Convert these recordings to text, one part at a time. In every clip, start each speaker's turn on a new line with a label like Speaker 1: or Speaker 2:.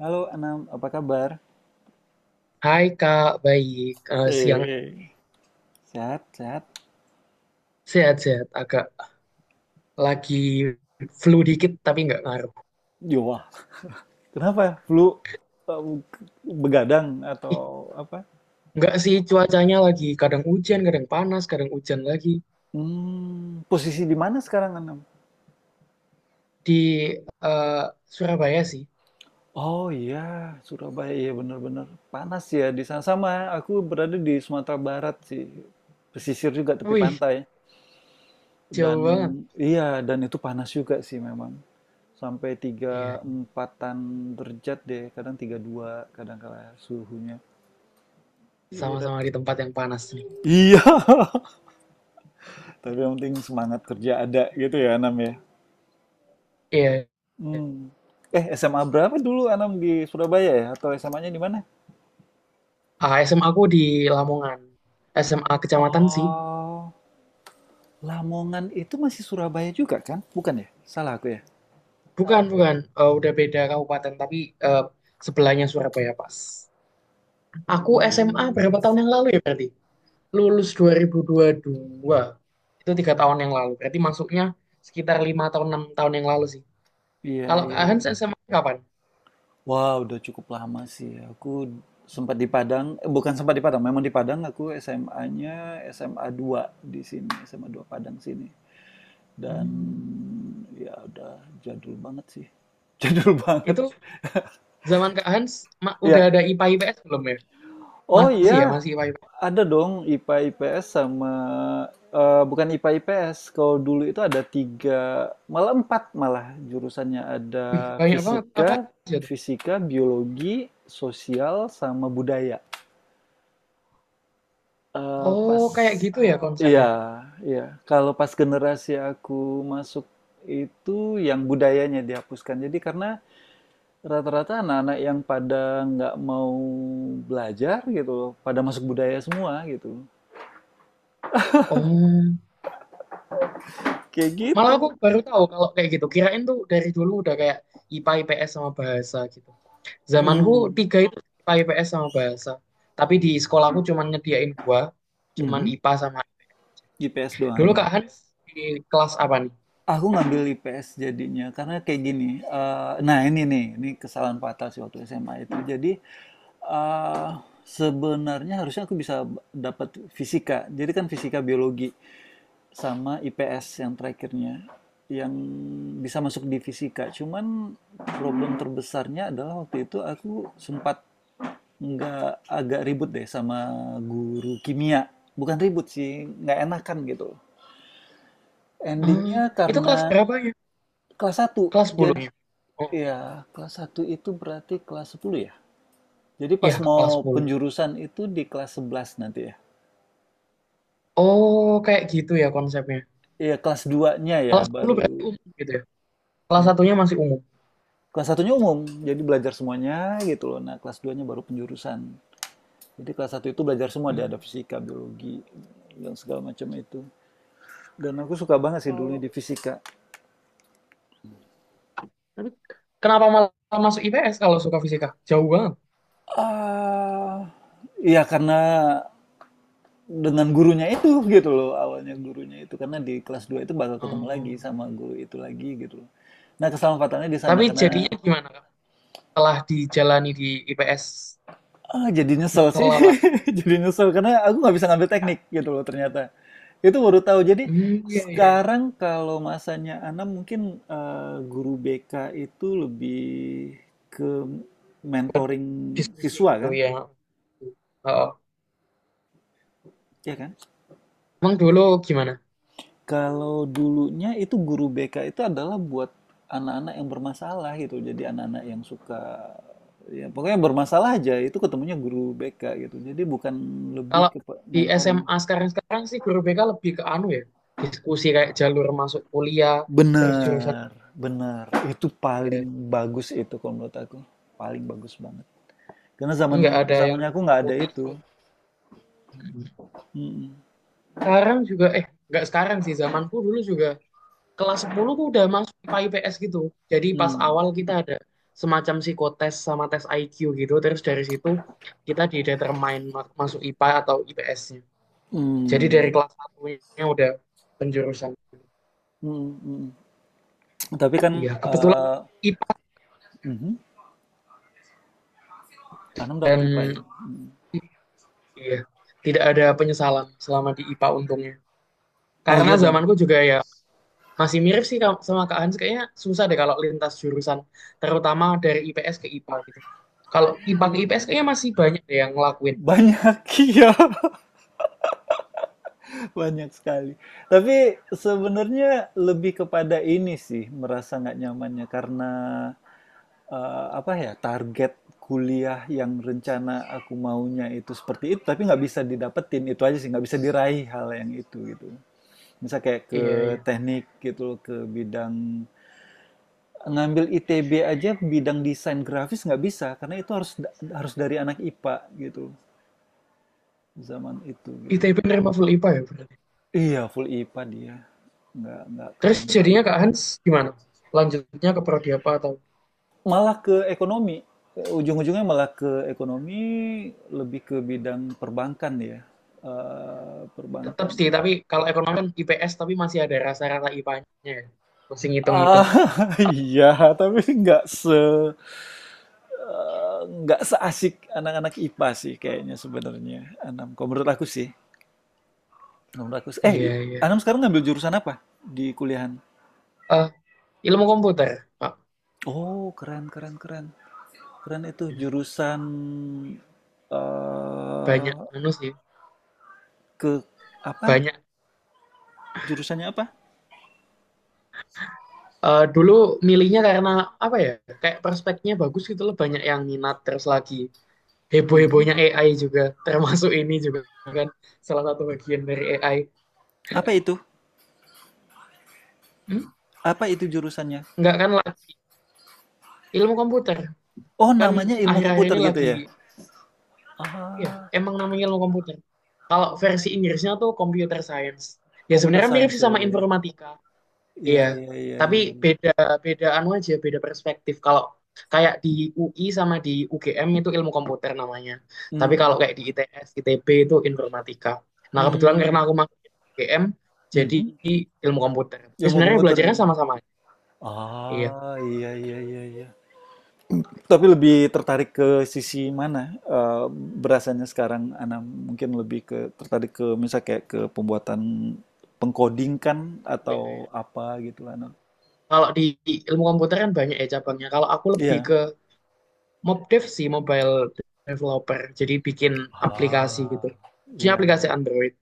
Speaker 1: Halo Anam, apa kabar?
Speaker 2: Hai Kak, baik. Eh, siang,
Speaker 1: Eh, Sehat, sehat.
Speaker 2: sehat-sehat. Agak lagi flu dikit tapi nggak ngaruh.
Speaker 1: Yo, wah. Kenapa? Flu eh, begadang
Speaker 2: Ih,
Speaker 1: atau apa?
Speaker 2: nggak sih, cuacanya lagi kadang hujan, kadang panas, kadang hujan lagi
Speaker 1: Hmm, posisi di mana sekarang Anam?
Speaker 2: di eh, Surabaya sih.
Speaker 1: Oh iya, Surabaya iya benar-benar panas ya di sana. Sama, aku berada di Sumatera Barat sih. Pesisir juga tepi
Speaker 2: Wih,
Speaker 1: pantai. Dan
Speaker 2: jauh banget.
Speaker 1: iya, dan itu panas juga sih memang. Sampai tiga
Speaker 2: Iya,
Speaker 1: empatan derajat deh, kadang tiga dua kadang kala suhunya. Iya.
Speaker 2: sama-sama di tempat yang panas nih.
Speaker 1: Iya. Tapi yang penting semangat kerja ada gitu ya Anam ya.
Speaker 2: Iya.
Speaker 1: Hmm. Eh, SMA berapa dulu Anam di Surabaya ya? Atau SMA-nya di mana?
Speaker 2: Ah, SMA aku di Lamongan. SMA kecamatan sih.
Speaker 1: Oh, Lamongan itu masih Surabaya juga kan? Bukan ya? Salah aku ya?
Speaker 2: Bukan, bukan. Udah beda kabupaten tapi eh, sebelahnya Surabaya pas. Aku SMA
Speaker 1: Hmm.
Speaker 2: berapa tahun yang lalu ya berarti? Lulus dua ribu dua, itu 3 tahun yang lalu berarti masuknya sekitar 5 tahun, 6 tahun yang lalu sih.
Speaker 1: Iya,
Speaker 2: Kalau Kak
Speaker 1: iya,
Speaker 2: Hans
Speaker 1: iya.
Speaker 2: SMA kapan?
Speaker 1: Wah, udah cukup lama sih. Aku sempat di Padang, eh, bukan sempat di Padang, memang di Padang aku SMA-nya, SMA 2 di sini, SMA 2 Padang sini. Dan
Speaker 2: Hmm.
Speaker 1: ya udah jadul banget sih. Jadul banget.
Speaker 2: Itu zaman Kak Hans udah
Speaker 1: Ya.
Speaker 2: ada IPA IPS belum ya?
Speaker 1: Oh
Speaker 2: Masih, ya,
Speaker 1: iya,
Speaker 2: masih IPA IPS.
Speaker 1: ada dong IPA IPS sama eee, bukan IPA IPS. Kalau dulu itu ada 3 malah 4 malah jurusannya. Ada
Speaker 2: Wih, banyak banget, apa
Speaker 1: fisika,
Speaker 2: aja tuh?
Speaker 1: fisika, biologi, sosial, sama budaya. Eee,
Speaker 2: Oh,
Speaker 1: pas
Speaker 2: kayak gitu ya
Speaker 1: iya,
Speaker 2: konsepnya.
Speaker 1: iya. Kalau pas generasi aku masuk itu yang budayanya dihapuskan. Jadi karena rata-rata anak-anak yang pada nggak mau belajar gitu, pada masuk budaya semua gitu.
Speaker 2: Oh,
Speaker 1: Kayak
Speaker 2: malah aku
Speaker 1: gitu.
Speaker 2: baru tahu kalau kayak gitu, kirain tuh dari dulu udah kayak IPA IPS sama bahasa gitu. Zamanku
Speaker 1: Mhm,
Speaker 2: tiga itu IPA IPS sama bahasa, tapi di sekolahku cuman nyediain dua, cuman
Speaker 1: mhm.
Speaker 2: IPA sama.
Speaker 1: IPS doang
Speaker 2: Dulu
Speaker 1: gitu.
Speaker 2: Kak Hans di kelas apa nih?
Speaker 1: Aku ngambil IPS jadinya karena kayak gini. Eh, nah ini nih, ini kesalahan fatal sih waktu SMA itu. Jadi eh, sebenarnya harusnya aku bisa dapat fisika. Jadi kan fisika biologi sama IPS yang terakhirnya yang bisa masuk di fisika. Cuman problem terbesarnya adalah waktu itu aku sempat nggak agak ribut deh sama guru kimia. Bukan ribut sih, nggak enakan gitu.
Speaker 2: Ah,
Speaker 1: Endingnya
Speaker 2: itu kelas
Speaker 1: karena
Speaker 2: berapa ya?
Speaker 1: kelas satu.
Speaker 2: Kelas
Speaker 1: Jadi
Speaker 2: 10-nya. Oh,
Speaker 1: ya kelas satu itu berarti kelas 10 ya. Jadi pas
Speaker 2: iya, kelas
Speaker 1: mau
Speaker 2: 10.
Speaker 1: penjurusan itu di kelas 11 nanti ya.
Speaker 2: Oh, kayak gitu ya konsepnya.
Speaker 1: Iya kelas 2-nya ya
Speaker 2: Kelas 10
Speaker 1: baru
Speaker 2: berarti umum gitu ya. Kelas satunya masih umum.
Speaker 1: kelas satunya umum. Jadi belajar semuanya gitu loh. Nah, kelas 2-nya baru penjurusan. Jadi kelas satu itu belajar semua, ada
Speaker 2: Hmm.
Speaker 1: fisika, biologi dan segala macam itu. Dan aku suka banget sih dulunya
Speaker 2: Kalau
Speaker 1: di fisika.
Speaker 2: Tapi kenapa malah masuk IPS kalau suka fisika? Jauh banget.
Speaker 1: Ah, iya karena dengan gurunya itu gitu loh, awalnya gurunya itu karena di kelas 2 itu bakal ketemu lagi
Speaker 2: Oh.
Speaker 1: sama guru itu lagi gitu loh. Nah kesempatannya di sana
Speaker 2: Tapi
Speaker 1: karena
Speaker 2: jadinya gimana, Kak? Setelah dijalani di IPS,
Speaker 1: jadi nyesel
Speaker 2: misal
Speaker 1: sih.
Speaker 2: apa?
Speaker 1: Jadi nyesel karena aku nggak bisa ngambil teknik gitu loh ternyata, itu baru tahu. Jadi
Speaker 2: Hmm, iya, iya, iya.
Speaker 1: sekarang kalau masanya Ana mungkin eh, guru BK itu lebih ke
Speaker 2: Buat
Speaker 1: mentoring
Speaker 2: diskusi
Speaker 1: siswa
Speaker 2: gitu
Speaker 1: kan,
Speaker 2: ya. Oh.
Speaker 1: ya kan.
Speaker 2: Emang dulu gimana?
Speaker 1: Kalau dulunya itu guru BK itu adalah buat anak-anak yang bermasalah gitu. Jadi anak-anak yang suka ya pokoknya bermasalah aja itu ketemunya guru BK gitu. Jadi bukan lebih
Speaker 2: Kalau
Speaker 1: ke
Speaker 2: di
Speaker 1: mentoring.
Speaker 2: SMA sekarang-sekarang sih guru BK lebih ke anu ya, diskusi kayak jalur masuk kuliah, terus jurusan
Speaker 1: Benar, benar. Itu
Speaker 2: ya,
Speaker 1: paling bagus itu kalau menurut aku. Paling bagus banget. Karena zaman
Speaker 2: nggak ada yang
Speaker 1: zamannya aku nggak ada
Speaker 2: takuti
Speaker 1: itu.
Speaker 2: juga. Mm.
Speaker 1: Mm-mm.
Speaker 2: Sekarang juga, eh, nggak sekarang sih, zamanku dulu juga kelas 10 tuh udah masuk IPA IPS gitu. Jadi pas
Speaker 1: Mm.
Speaker 2: awal kita ada semacam psikotes sama tes IQ gitu, terus dari situ kita didetermine masuk IPA atau IPS-nya. Jadi dari
Speaker 1: Mm.
Speaker 2: kelas satunya udah penjurusan.
Speaker 1: Mm, mm. Tapi kan
Speaker 2: Iya, kebetulan
Speaker 1: eh
Speaker 2: IPA
Speaker 1: mhm. Anam dapat
Speaker 2: dan.
Speaker 1: IPA ya?
Speaker 2: Iya, tidak ada penyesalan selama di IPA untungnya.
Speaker 1: Oh
Speaker 2: Karena
Speaker 1: iya dong.
Speaker 2: zamanku juga ya masih mirip sih sama Kak Hans. Kayaknya susah deh kalau lintas jurusan, terutama dari IPS ke IPA gitu. Kalau IPA ke IPS kayaknya masih banyak deh yang ngelakuin.
Speaker 1: Banyak, iya, banyak sekali. Tapi sebenarnya lebih kepada ini sih, merasa nggak nyamannya karena apa ya, target kuliah yang rencana aku maunya itu seperti itu, tapi nggak bisa didapetin itu aja sih, nggak bisa diraih hal yang itu gitu. Misal kayak ke
Speaker 2: Iya, iya.
Speaker 1: teknik gitu loh, ke bidang ngambil ITB aja, bidang desain grafis nggak bisa karena itu harus harus dari anak IPA gitu zaman itu gitu.
Speaker 2: ITB nerima full IPA ya berarti.
Speaker 1: Iya, full IPA dia, nggak
Speaker 2: Terus
Speaker 1: keren
Speaker 2: jadinya
Speaker 1: banget.
Speaker 2: Kak Hans gimana? Lanjutnya ke prodi apa, atau
Speaker 1: Malah ke ekonomi, ujung-ujungnya malah ke ekonomi, lebih ke bidang perbankan ya, eee,
Speaker 2: tetap
Speaker 1: perbankan.
Speaker 2: sih, tapi kalau ekonomi kan IPS tapi masih ada rasa-rasa IPA-nya ya. Masih ngitung-ngitung.
Speaker 1: Ah, iya, tapi nggak se eee, nggak seasik anak-anak IPA sih kayaknya sebenarnya, Anam, kalau menurut aku sih, kalau menurut aku sih
Speaker 2: Iya,
Speaker 1: Anam
Speaker 2: iya.
Speaker 1: sekarang ngambil jurusan apa di kuliahan?
Speaker 2: Eh, ilmu komputer. Pak,
Speaker 1: Oh, keren keren keren. Keren itu jurusan,
Speaker 2: banyak
Speaker 1: eee.
Speaker 2: anu sih.
Speaker 1: Ke apa,
Speaker 2: Banyak.
Speaker 1: jurusannya apa?
Speaker 2: Dulu milihnya karena apa ya? Kayak prospeknya bagus gitu loh, banyak yang minat terus lagi
Speaker 1: Mhm.
Speaker 2: heboh-hebohnya AI juga, termasuk ini juga kan salah satu bagian dari AI.
Speaker 1: Apa itu?
Speaker 2: Hmm?
Speaker 1: Apa itu jurusannya?
Speaker 2: Enggak kan lah, ilmu komputer
Speaker 1: Oh,
Speaker 2: kan
Speaker 1: namanya ilmu
Speaker 2: akhir-akhir
Speaker 1: komputer
Speaker 2: ini
Speaker 1: gitu
Speaker 2: lagi
Speaker 1: ya?
Speaker 2: ya,
Speaker 1: Ah,
Speaker 2: emang namanya ilmu komputer. Kalau
Speaker 1: oh,
Speaker 2: versi Inggrisnya tuh computer science. Ya
Speaker 1: computer
Speaker 2: sebenarnya mirip sih
Speaker 1: science
Speaker 2: sama
Speaker 1: ya,
Speaker 2: informatika.
Speaker 1: ya
Speaker 2: Iya,
Speaker 1: ya, ya iya
Speaker 2: tapi
Speaker 1: iya iya.
Speaker 2: beda, beda anu aja, beda perspektif. Kalau kayak di UI sama di UGM itu ilmu komputer namanya. Tapi kalau
Speaker 1: Mhm,
Speaker 2: kayak di ITS, ITB itu informatika. Nah, kebetulan karena
Speaker 1: mmm,
Speaker 2: aku masuk UGM, jadi
Speaker 1: mhm,
Speaker 2: ilmu komputer. Tapi
Speaker 1: ilmu
Speaker 2: sebenarnya
Speaker 1: komputer
Speaker 2: belajarnya
Speaker 1: ya?
Speaker 2: sama-sama. Iya.
Speaker 1: Ah, iya iya iya iya. Tapi lebih tertarik ke sisi mana, eee, berasanya sekarang Ana mungkin lebih ke tertarik ke misal kayak ke pembuatan peng-coding kan?
Speaker 2: Iya,
Speaker 1: Atau
Speaker 2: iya.
Speaker 1: apa gitu Ana?
Speaker 2: Kalau di ilmu komputer kan banyak ya cabangnya. Kalau aku lebih
Speaker 1: Iya.
Speaker 2: ke MobDev sih, mobile developer. Jadi bikin aplikasi
Speaker 1: Ah,
Speaker 2: gitu. Jadi
Speaker 1: iya
Speaker 2: aplikasi
Speaker 1: iya.
Speaker 2: Android.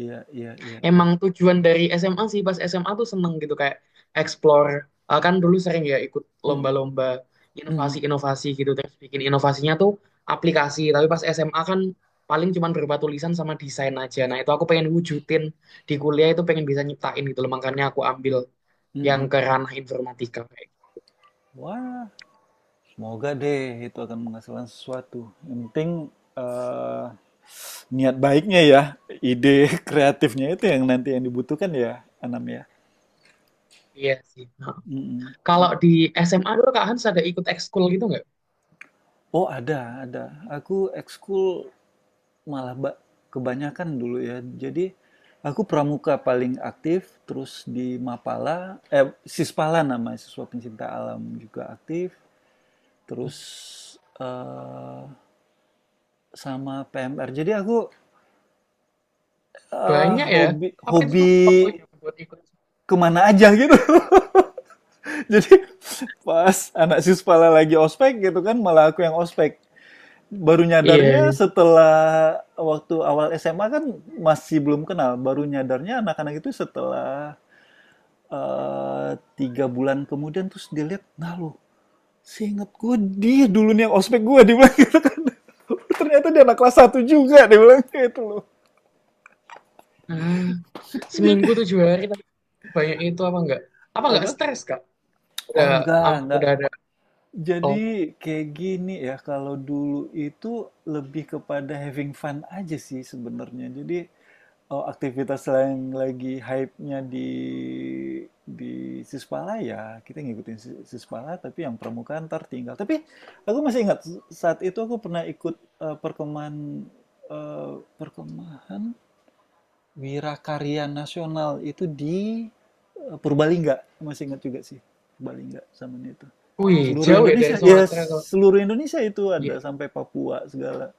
Speaker 1: Iya iya iya iya.
Speaker 2: Emang tujuan dari SMA sih, pas SMA tuh seneng gitu kayak explore. Kan dulu sering ya ikut
Speaker 1: Mhm,
Speaker 2: lomba-lomba
Speaker 1: mhm,
Speaker 2: inovasi-inovasi gitu, terus bikin inovasinya tuh aplikasi, tapi pas SMA kan paling cuman berupa tulisan sama desain aja. Nah, itu aku pengen wujudin di kuliah, itu pengen bisa nyiptain gitu loh, makanya aku ambil yang
Speaker 1: mhm.
Speaker 2: ke ranah informatika kayak gitu.
Speaker 1: Wah, semoga deh itu akan menghasilkan sesuatu. Yang penting, eee, niat baiknya ya, ide kreatifnya itu yang nanti yang dibutuhkan ya, Anam ya?
Speaker 2: Iya sih. Nah,
Speaker 1: Mhm,
Speaker 2: kalau
Speaker 1: mhm.
Speaker 2: di SMA dulu Kak Hans ada ikut ekskul gitu nggak?
Speaker 1: Oh ada, ada. Aku ekskul malah kebanyakan dulu ya. Jadi, aku pramuka paling aktif, terus di Mapala eh, Sispala namanya, Siswa Pencinta Alam juga aktif. Terus eh, sama PMR. Jadi aku
Speaker 2: Banyak ya.
Speaker 1: hobi
Speaker 2: Apa itu
Speaker 1: hobi
Speaker 2: tuh waktunya buat ikut?
Speaker 1: kemana aja gitu. Jadi pas anak sispala lagi ospek gitu kan, malah aku yang ospek. Baru
Speaker 2: Iya,
Speaker 1: nyadarnya
Speaker 2: iya.
Speaker 1: setelah waktu awal SMA kan masih belum kenal. Baru nyadarnya anak-anak itu setelah eh, tiga bulan kemudian terus dilihat, nah loh, seinget gue dia dulu nih yang ospek gue dia bilang gitu kan. Ternyata dia anak kelas satu juga dia bilang kayak itu loh.
Speaker 2: Ah.
Speaker 1: Jadi
Speaker 2: Seminggu 7 hari tapi banyak itu apa enggak? Apa enggak
Speaker 1: apa?
Speaker 2: stres, Kak? Udah
Speaker 1: Oh enggak, enggak.
Speaker 2: ada. Oh.
Speaker 1: Jadi kayak gini ya kalau dulu itu lebih kepada having fun aja sih sebenarnya. Jadi oh, aktivitas yang lagi hype-nya di Sispala ya, kita ngikutin Sis- Sispala tapi yang permukaan ntar tinggal. Tapi aku masih ingat saat itu aku pernah ikut eh, perkemahan eh, perkemahan Wirakarya Nasional itu di Purbalingga. Masih ingat juga sih Purbalingga zamannya itu.
Speaker 2: Wih,
Speaker 1: Seluruh
Speaker 2: jauh ya dari
Speaker 1: Indonesia, ya
Speaker 2: Sumatera ke.
Speaker 1: seluruh Indonesia itu ada
Speaker 2: Iya.
Speaker 1: sampai Papua segala.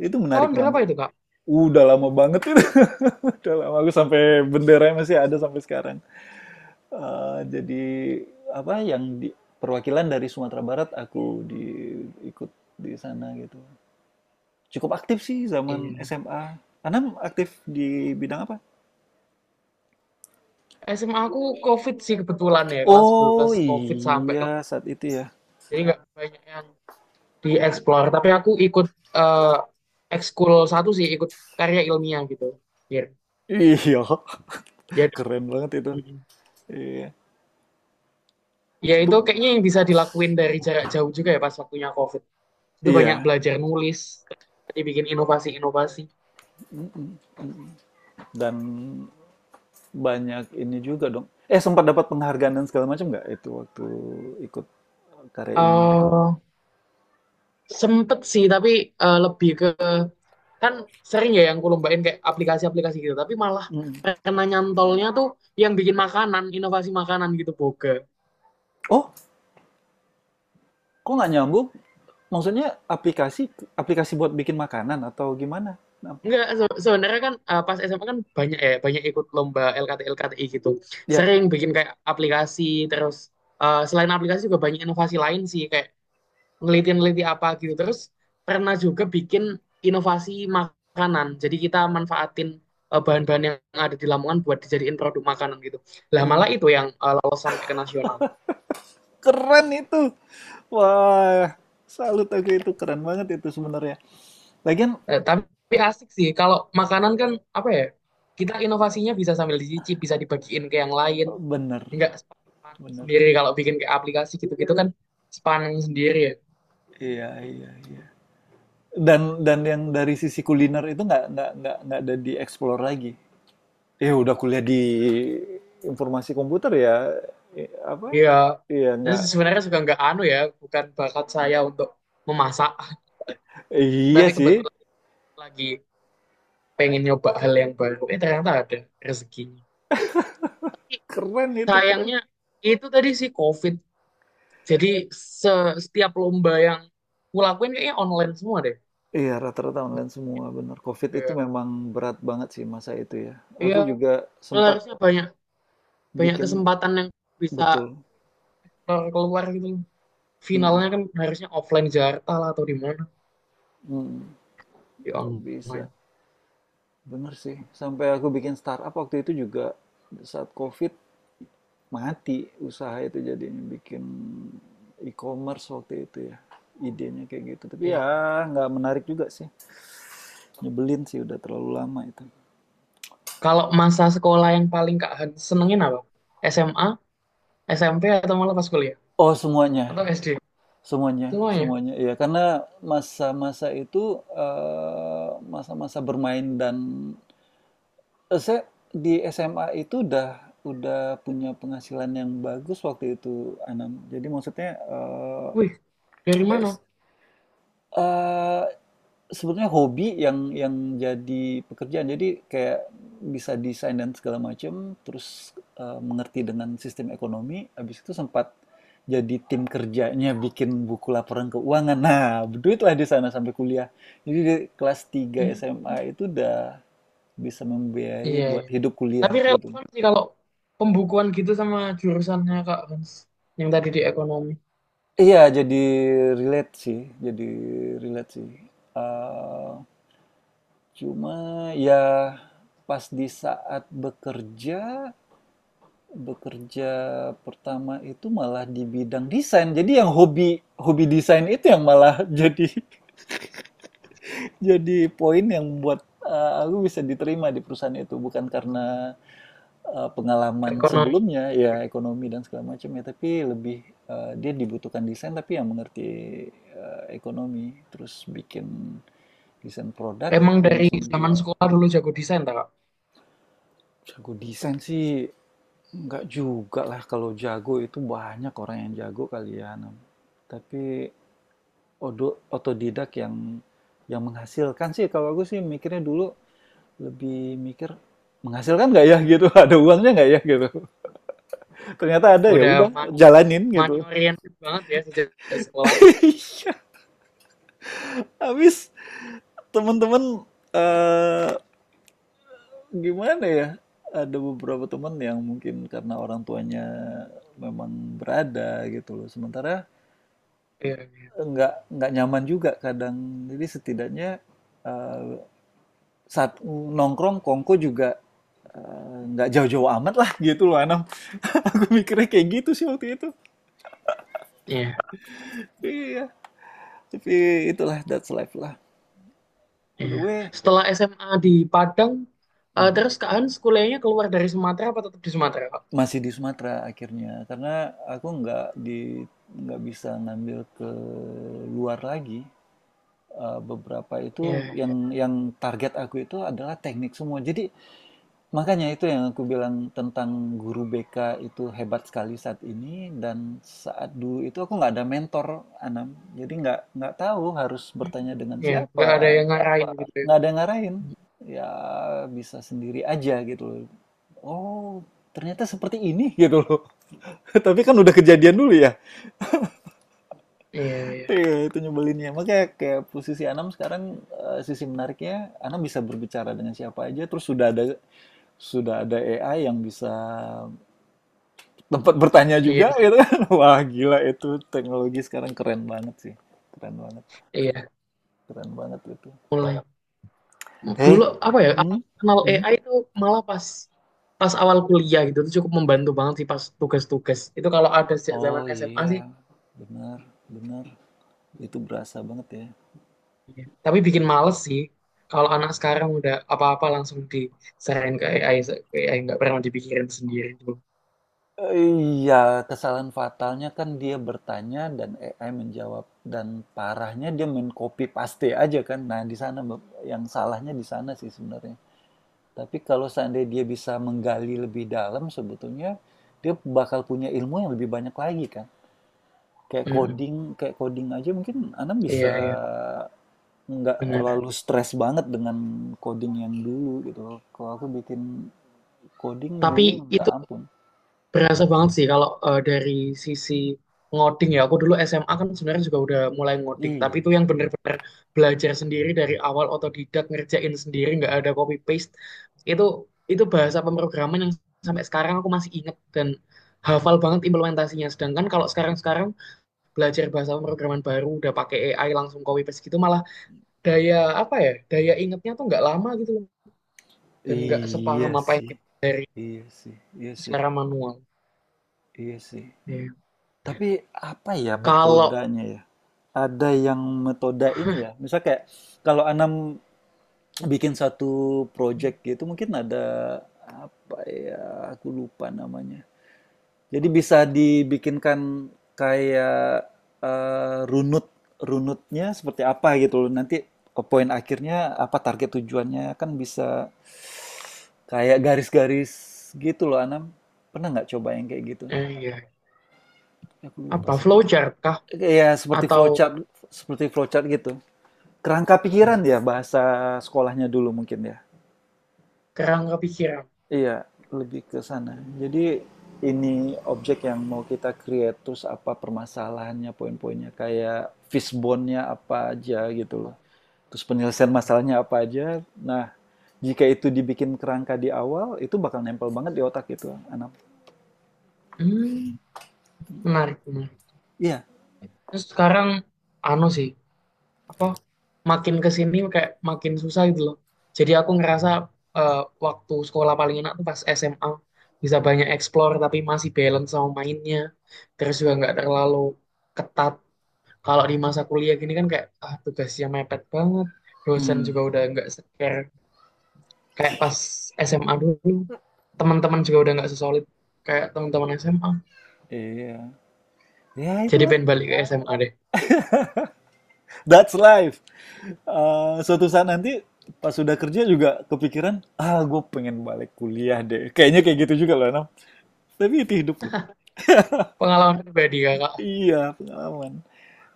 Speaker 1: Itu
Speaker 2: Tahun
Speaker 1: menarik
Speaker 2: berapa
Speaker 1: banget.
Speaker 2: itu, Kak?
Speaker 1: Udah lama banget itu. Udah lama aku sampai benderanya masih ada sampai sekarang. Eh, jadi apa yang di, perwakilan dari Sumatera Barat aku di ikut di sana gitu. Cukup aktif sih zaman
Speaker 2: Iya.
Speaker 1: SMA. Anda aktif di bidang apa?
Speaker 2: SMA aku COVID sih kebetulan ya, kelas
Speaker 1: Oh
Speaker 2: 11 COVID sampai
Speaker 1: iya
Speaker 2: kelas.
Speaker 1: saat itu ya.
Speaker 2: Jadi nggak banyak yang dieksplor, tapi aku ikut eh ekskul satu sih, ikut karya ilmiah gitu. Iya.
Speaker 1: Iya,
Speaker 2: Jadi
Speaker 1: keren banget itu.
Speaker 2: mm.
Speaker 1: Iya.
Speaker 2: ya itu
Speaker 1: Itu-
Speaker 2: kayaknya yang bisa dilakuin dari jarak jauh juga ya pas waktunya COVID. Itu banyak
Speaker 1: iya.
Speaker 2: belajar nulis, dibikin inovasi-inovasi.
Speaker 1: Mm-mm. Dan banyak ini juga dong. Eh sempat dapat penghargaan dan segala macam nggak itu waktu ikut karya ilmiah itu.
Speaker 2: eh sempet sih, tapi lebih ke, kan sering ya yang kulombain kayak aplikasi-aplikasi gitu, tapi malah
Speaker 1: Mm.
Speaker 2: karena nyantolnya tuh yang bikin makanan, inovasi makanan gitu, boga.
Speaker 1: Oh, kok nggak nyambung? Maksudnya aplikasi aplikasi buat bikin makanan atau gimana? Nah,
Speaker 2: Enggak, sebenarnya kan pas SMA kan banyak ya, banyak ikut lomba LKT LKTI gitu,
Speaker 1: ya,
Speaker 2: sering bikin kayak aplikasi, terus selain aplikasi juga banyak inovasi lain sih kayak ngeliti-ngeliti apa gitu. Terus pernah juga bikin inovasi makanan. Jadi kita manfaatin bahan-bahan yang ada di Lamongan buat dijadiin produk makanan gitu. Lah malah
Speaker 1: mm.
Speaker 2: itu yang lolos sampai ke nasional.
Speaker 1: Keren itu. Wah, salut aku itu keren banget itu sebenarnya. Lagian
Speaker 2: Tapi asik sih kalau makanan kan, apa ya? Kita inovasinya bisa sambil dicicip, bisa dibagiin ke yang lain.
Speaker 1: bener,
Speaker 2: Enggak sepaneng
Speaker 1: bener.
Speaker 2: sendiri kalau bikin kayak aplikasi gitu-gitu kan sepaneng sendiri ya.
Speaker 1: Iya, iya, iya. Dan yang dari sisi kuliner itu nggak ada dieksplor lagi. Ya udah kuliah di informasi komputer ya, eh, apa?
Speaker 2: Iya.
Speaker 1: Iya
Speaker 2: Terus
Speaker 1: nggak.
Speaker 2: sebenarnya juga nggak anu ya, bukan bakat saya untuk memasak,
Speaker 1: Iya
Speaker 2: tapi
Speaker 1: sih,
Speaker 2: kebetulan lagi pengen nyoba hal yang baru, ternyata ada rezekinya. Tapi
Speaker 1: keren itu keren.
Speaker 2: sayangnya itu tadi sih COVID, jadi setiap lomba yang kulakuin kayaknya online semua deh.
Speaker 1: Iya, rata-rata online semua, benar COVID itu
Speaker 2: Kayak,
Speaker 1: memang berat banget sih masa itu ya.
Speaker 2: iya
Speaker 1: Aku juga sempat.
Speaker 2: harusnya banyak,
Speaker 1: Hmm.
Speaker 2: banyak
Speaker 1: Bikin
Speaker 2: kesempatan yang bisa
Speaker 1: betul.
Speaker 2: keluar, keluar gitu,
Speaker 1: Mm,
Speaker 2: finalnya kan harusnya offline di Jakarta lah atau di mana,
Speaker 1: mm,
Speaker 2: di
Speaker 1: nggak bisa.
Speaker 2: online.
Speaker 1: Bener sih. Sampai aku bikin startup waktu itu juga saat COVID mati usaha itu, jadinya bikin e-commerce waktu itu ya. Idenya kayak gitu. Tapi
Speaker 2: Iya.
Speaker 1: ya nggak menarik juga sih. Nyebelin sih udah terlalu lama itu.
Speaker 2: Kalau masa sekolah yang paling Kak Han senengin apa? SMA, SMP, atau malah pas kuliah,
Speaker 1: Oh, semuanya.
Speaker 2: atau SD?
Speaker 1: Semuanya,
Speaker 2: Semuanya.
Speaker 1: semuanya. Iya, karena masa-masa itu, eee, masa-masa bermain dan eee, saya di SMA itu udah punya penghasilan yang bagus waktu itu, Anam. Jadi maksudnya, eee,
Speaker 2: Wih, dari mana?
Speaker 1: es eee. Sebenarnya hobi yang jadi pekerjaan. Jadi kayak bisa desain dan segala macam, terus mengerti dengan sistem ekonomi. Habis itu sempat jadi tim kerjanya bikin buku laporan keuangan. Nah, berduitlah di sana sampai kuliah. Jadi di kelas 3
Speaker 2: Hmm,
Speaker 1: SMA itu udah bisa membiayai
Speaker 2: iya,
Speaker 1: buat
Speaker 2: iya.
Speaker 1: hidup kuliah
Speaker 2: Tapi
Speaker 1: gitu.
Speaker 2: relevan sih kalau pembukuan gitu sama jurusannya Kak Hans. Yang tadi di ekonomi.
Speaker 1: Iya, jadi relate sih, jadi relate sih. Eh, cuma ya pas di saat bekerja. Bekerja Pertama itu malah di bidang desain. Jadi yang hobi hobi desain itu yang malah jadi poin yang membuat aku bisa diterima di perusahaan itu bukan karena pengalaman
Speaker 2: Ekonomi.
Speaker 1: sebelumnya ya ekonomi dan segala macam ya, tapi lebih dia dibutuhkan desain tapi yang mengerti ekonomi terus bikin desain produk
Speaker 2: Emang
Speaker 1: yang
Speaker 2: dari
Speaker 1: bisa
Speaker 2: zaman
Speaker 1: menjual.
Speaker 2: sekolah dulu jago desain tak, Kak?
Speaker 1: Jago desain sih enggak juga lah, kalau jago itu banyak orang yang jago kali ya, Nam. Tapi otodidak yang menghasilkan sih. Kalau aku sih mikirnya dulu lebih mikir menghasilkan nggak ya gitu ada uangnya nggak ya gitu, ternyata ada ya
Speaker 2: Udah
Speaker 1: udah
Speaker 2: money,
Speaker 1: jalanin
Speaker 2: money
Speaker 1: gitu.
Speaker 2: oriented banget ya sejak sejak sekolah.
Speaker 1: Iya, habis temen-temen eh gimana ya? Ada beberapa temen yang mungkin karena orang tuanya memang berada gitu loh. Sementara
Speaker 2: Iya,
Speaker 1: nggak nyaman juga kadang. Jadi setidaknya eh, saat nongkrong Kongko juga nggak jauh-jauh amat lah gitu loh Anam. Aku mikirnya kayak gitu sih waktu itu.
Speaker 2: iya,
Speaker 1: Iya. Tapi itulah, that's life lah. By the
Speaker 2: iya.
Speaker 1: way,
Speaker 2: Setelah SMA
Speaker 1: hmm,
Speaker 2: di Padang,
Speaker 1: mhm.
Speaker 2: terus Kak Hans kuliahnya keluar dari Sumatera apa tetap di Sumatera, Kak?
Speaker 1: Masih di Sumatera akhirnya karena aku nggak di nggak bisa ngambil ke luar lagi. Eh, beberapa
Speaker 2: Iya,
Speaker 1: itu
Speaker 2: iya.
Speaker 1: yang target aku itu adalah teknik semua. Jadi makanya itu yang aku bilang tentang guru BK itu hebat sekali saat ini, dan saat dulu itu aku nggak ada mentor Anam, jadi nggak tahu harus bertanya dengan
Speaker 2: Hmm. Iya, nggak ada
Speaker 1: siapa,
Speaker 2: yang ngarahin gitu ya.
Speaker 1: nggak ada yang ngarahin, ya bisa sendiri aja gitu loh. Oh ternyata seperti ini gitu loh. Tapi kan udah kejadian dulu ya.
Speaker 2: Iya, iya.
Speaker 1: Iya, itu nyebelinnya. Makanya kayak posisi Anam sekarang sisi menariknya Anam bisa berbicara dengan siapa aja, terus sudah ada AI yang bisa tempat bertanya
Speaker 2: Iya
Speaker 1: juga
Speaker 2: sih.
Speaker 1: gitu. Wah, gila itu teknologi sekarang keren banget sih. Keren banget,
Speaker 2: Iya,
Speaker 1: keren banget itu.
Speaker 2: mulai.
Speaker 1: Hei,
Speaker 2: Dulu apa ya aku
Speaker 1: hmm?
Speaker 2: kenal
Speaker 1: Hmm?
Speaker 2: AI itu, malah pas pas awal kuliah gitu, itu cukup membantu banget sih pas tugas-tugas itu kalau ada sejak zaman
Speaker 1: Oh
Speaker 2: SMA
Speaker 1: iya,
Speaker 2: sih.
Speaker 1: benar, benar. Itu berasa banget ya.
Speaker 2: Iya, tapi bikin males sih kalau anak sekarang udah apa-apa langsung diserahin ke AI, nggak pernah dipikirin sendiri dulu.
Speaker 1: Eh, iya, kesalahan fatalnya kan dia bertanya dan AI menjawab dan parahnya dia men copy paste aja kan. Nah, di sana Bang, yang salahnya di sana sih sebenarnya. Tapi kalau seandainya dia bisa menggali lebih dalam sebetulnya dia bakal punya ilmu yang lebih banyak lagi kan. Kayak
Speaker 2: Mm-mm.
Speaker 1: coding, kayak coding aja mungkin Anam
Speaker 2: Iya,
Speaker 1: bisa
Speaker 2: iya,
Speaker 1: nggak terlalu
Speaker 2: benar.
Speaker 1: stres banget dengan coding yang dulu gitu loh. Kalau aku bikin coding dulu
Speaker 2: Tapi
Speaker 1: minta
Speaker 2: itu
Speaker 1: ampun.
Speaker 2: berasa banget sih kalau dari sisi ngoding ya. Aku dulu SMA kan sebenarnya juga udah mulai ngoding, tapi
Speaker 1: Iya.
Speaker 2: itu yang bener-bener belajar sendiri dari awal, otodidak, ngerjain sendiri, nggak ada copy paste. Itu itu bahasa pemrograman yang sampai sekarang aku masih inget dan hafal banget implementasinya. Sedangkan kalau sekarang-sekarang belajar bahasa pemrograman baru udah pakai AI langsung copy paste gitu, malah daya apa ya? Daya ingetnya tuh nggak lama gitu loh. Dan nggak
Speaker 1: Iya
Speaker 2: sepaham apa yang
Speaker 1: sih.
Speaker 2: dari
Speaker 1: Iya sih. Iya sih.
Speaker 2: secara manual.
Speaker 1: Iya sih.
Speaker 2: Iya.
Speaker 1: Tapi apa ya
Speaker 2: Kalau
Speaker 1: metodenya ya? Ada yang metode ini ya. Misal kayak kalau Anam bikin satu project gitu mungkin ada apa ya? Aku lupa namanya. Jadi bisa dibikinkan kayak runut runutnya seperti apa gitu loh. Nanti poin akhirnya apa target tujuannya kan bisa kayak garis-garis gitu loh Anam. Pernah nggak coba yang kayak gitu?
Speaker 2: iya,
Speaker 1: Aku lupa
Speaker 2: apa
Speaker 1: sih. Nggak-
Speaker 2: flowchart kah,
Speaker 1: ya seperti
Speaker 2: atau
Speaker 1: flowchart, seperti flowchart gitu. Kerangka pikiran ya bahasa sekolahnya dulu mungkin ya.
Speaker 2: kerangka pikiran?
Speaker 1: Iya, lebih ke sana. Jadi ini objek yang mau kita create, terus apa permasalahannya, poin-poinnya, kayak fishbone-nya apa aja gitu loh. Terus penyelesaian masalahnya apa aja. Nah, jika itu dibikin kerangka di awal, itu bakal nempel banget di otak gitu, anak.
Speaker 2: Hmm, menarik, menarik.
Speaker 1: Iya.
Speaker 2: Terus sekarang anu sih, apa, makin ke sini kayak makin susah gitu loh. Jadi aku ngerasa eh, waktu sekolah paling enak tuh pas SMA, bisa banyak explore tapi masih balance sama mainnya. Terus juga nggak terlalu ketat. Kalau di masa kuliah gini kan kayak, ah, tugasnya mepet banget. Dosen
Speaker 1: Hmm.
Speaker 2: juga udah nggak seker kayak pas SMA dulu, teman-teman juga udah nggak sesolid kayak teman-teman SMA.
Speaker 1: Iya. Ya
Speaker 2: Jadi
Speaker 1: itulah.
Speaker 2: pengen balik ke SMA deh.
Speaker 1: That's life. Eh, suatu saat nanti pas sudah kerja juga kepikiran, ah gue pengen balik kuliah deh. Kayaknya kayak gitu juga loh, Anam. Tapi itu hidup loh.
Speaker 2: Pengalaman pribadi kakak.
Speaker 1: Iya, pengalaman.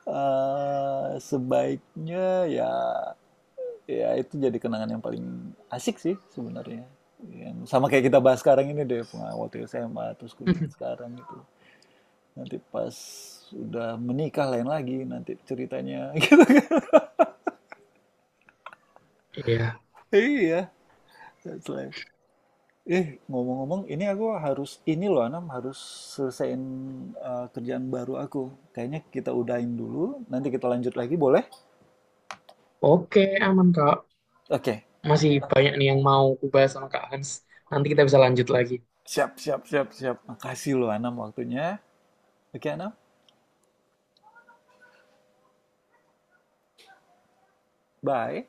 Speaker 1: Eee, sebaiknya ya, ya itu jadi kenangan yang paling asik sih sebenarnya. Yang sama kayak kita bahas sekarang ini deh, pengalaman waktu SMA, terus kuliah sekarang gitu. Nanti pas udah menikah lain lagi nanti ceritanya gitu kan.
Speaker 2: Iya,
Speaker 1: Iya, that's life. Eh, ngomong-ngomong ini aku harus ini loh Anam, harus selesaiin eee, kerjaan baru aku. Kayaknya kita udahin dulu, nanti kita lanjut lagi boleh?
Speaker 2: oke, aman Kak.
Speaker 1: Oke.
Speaker 2: Masih banyak nih yang mau ku sama Kak Hans. Nanti kita bisa lanjut lagi.
Speaker 1: Siap, siap, siap, siap. Makasih loh Anam waktunya. Oke Anam, bye.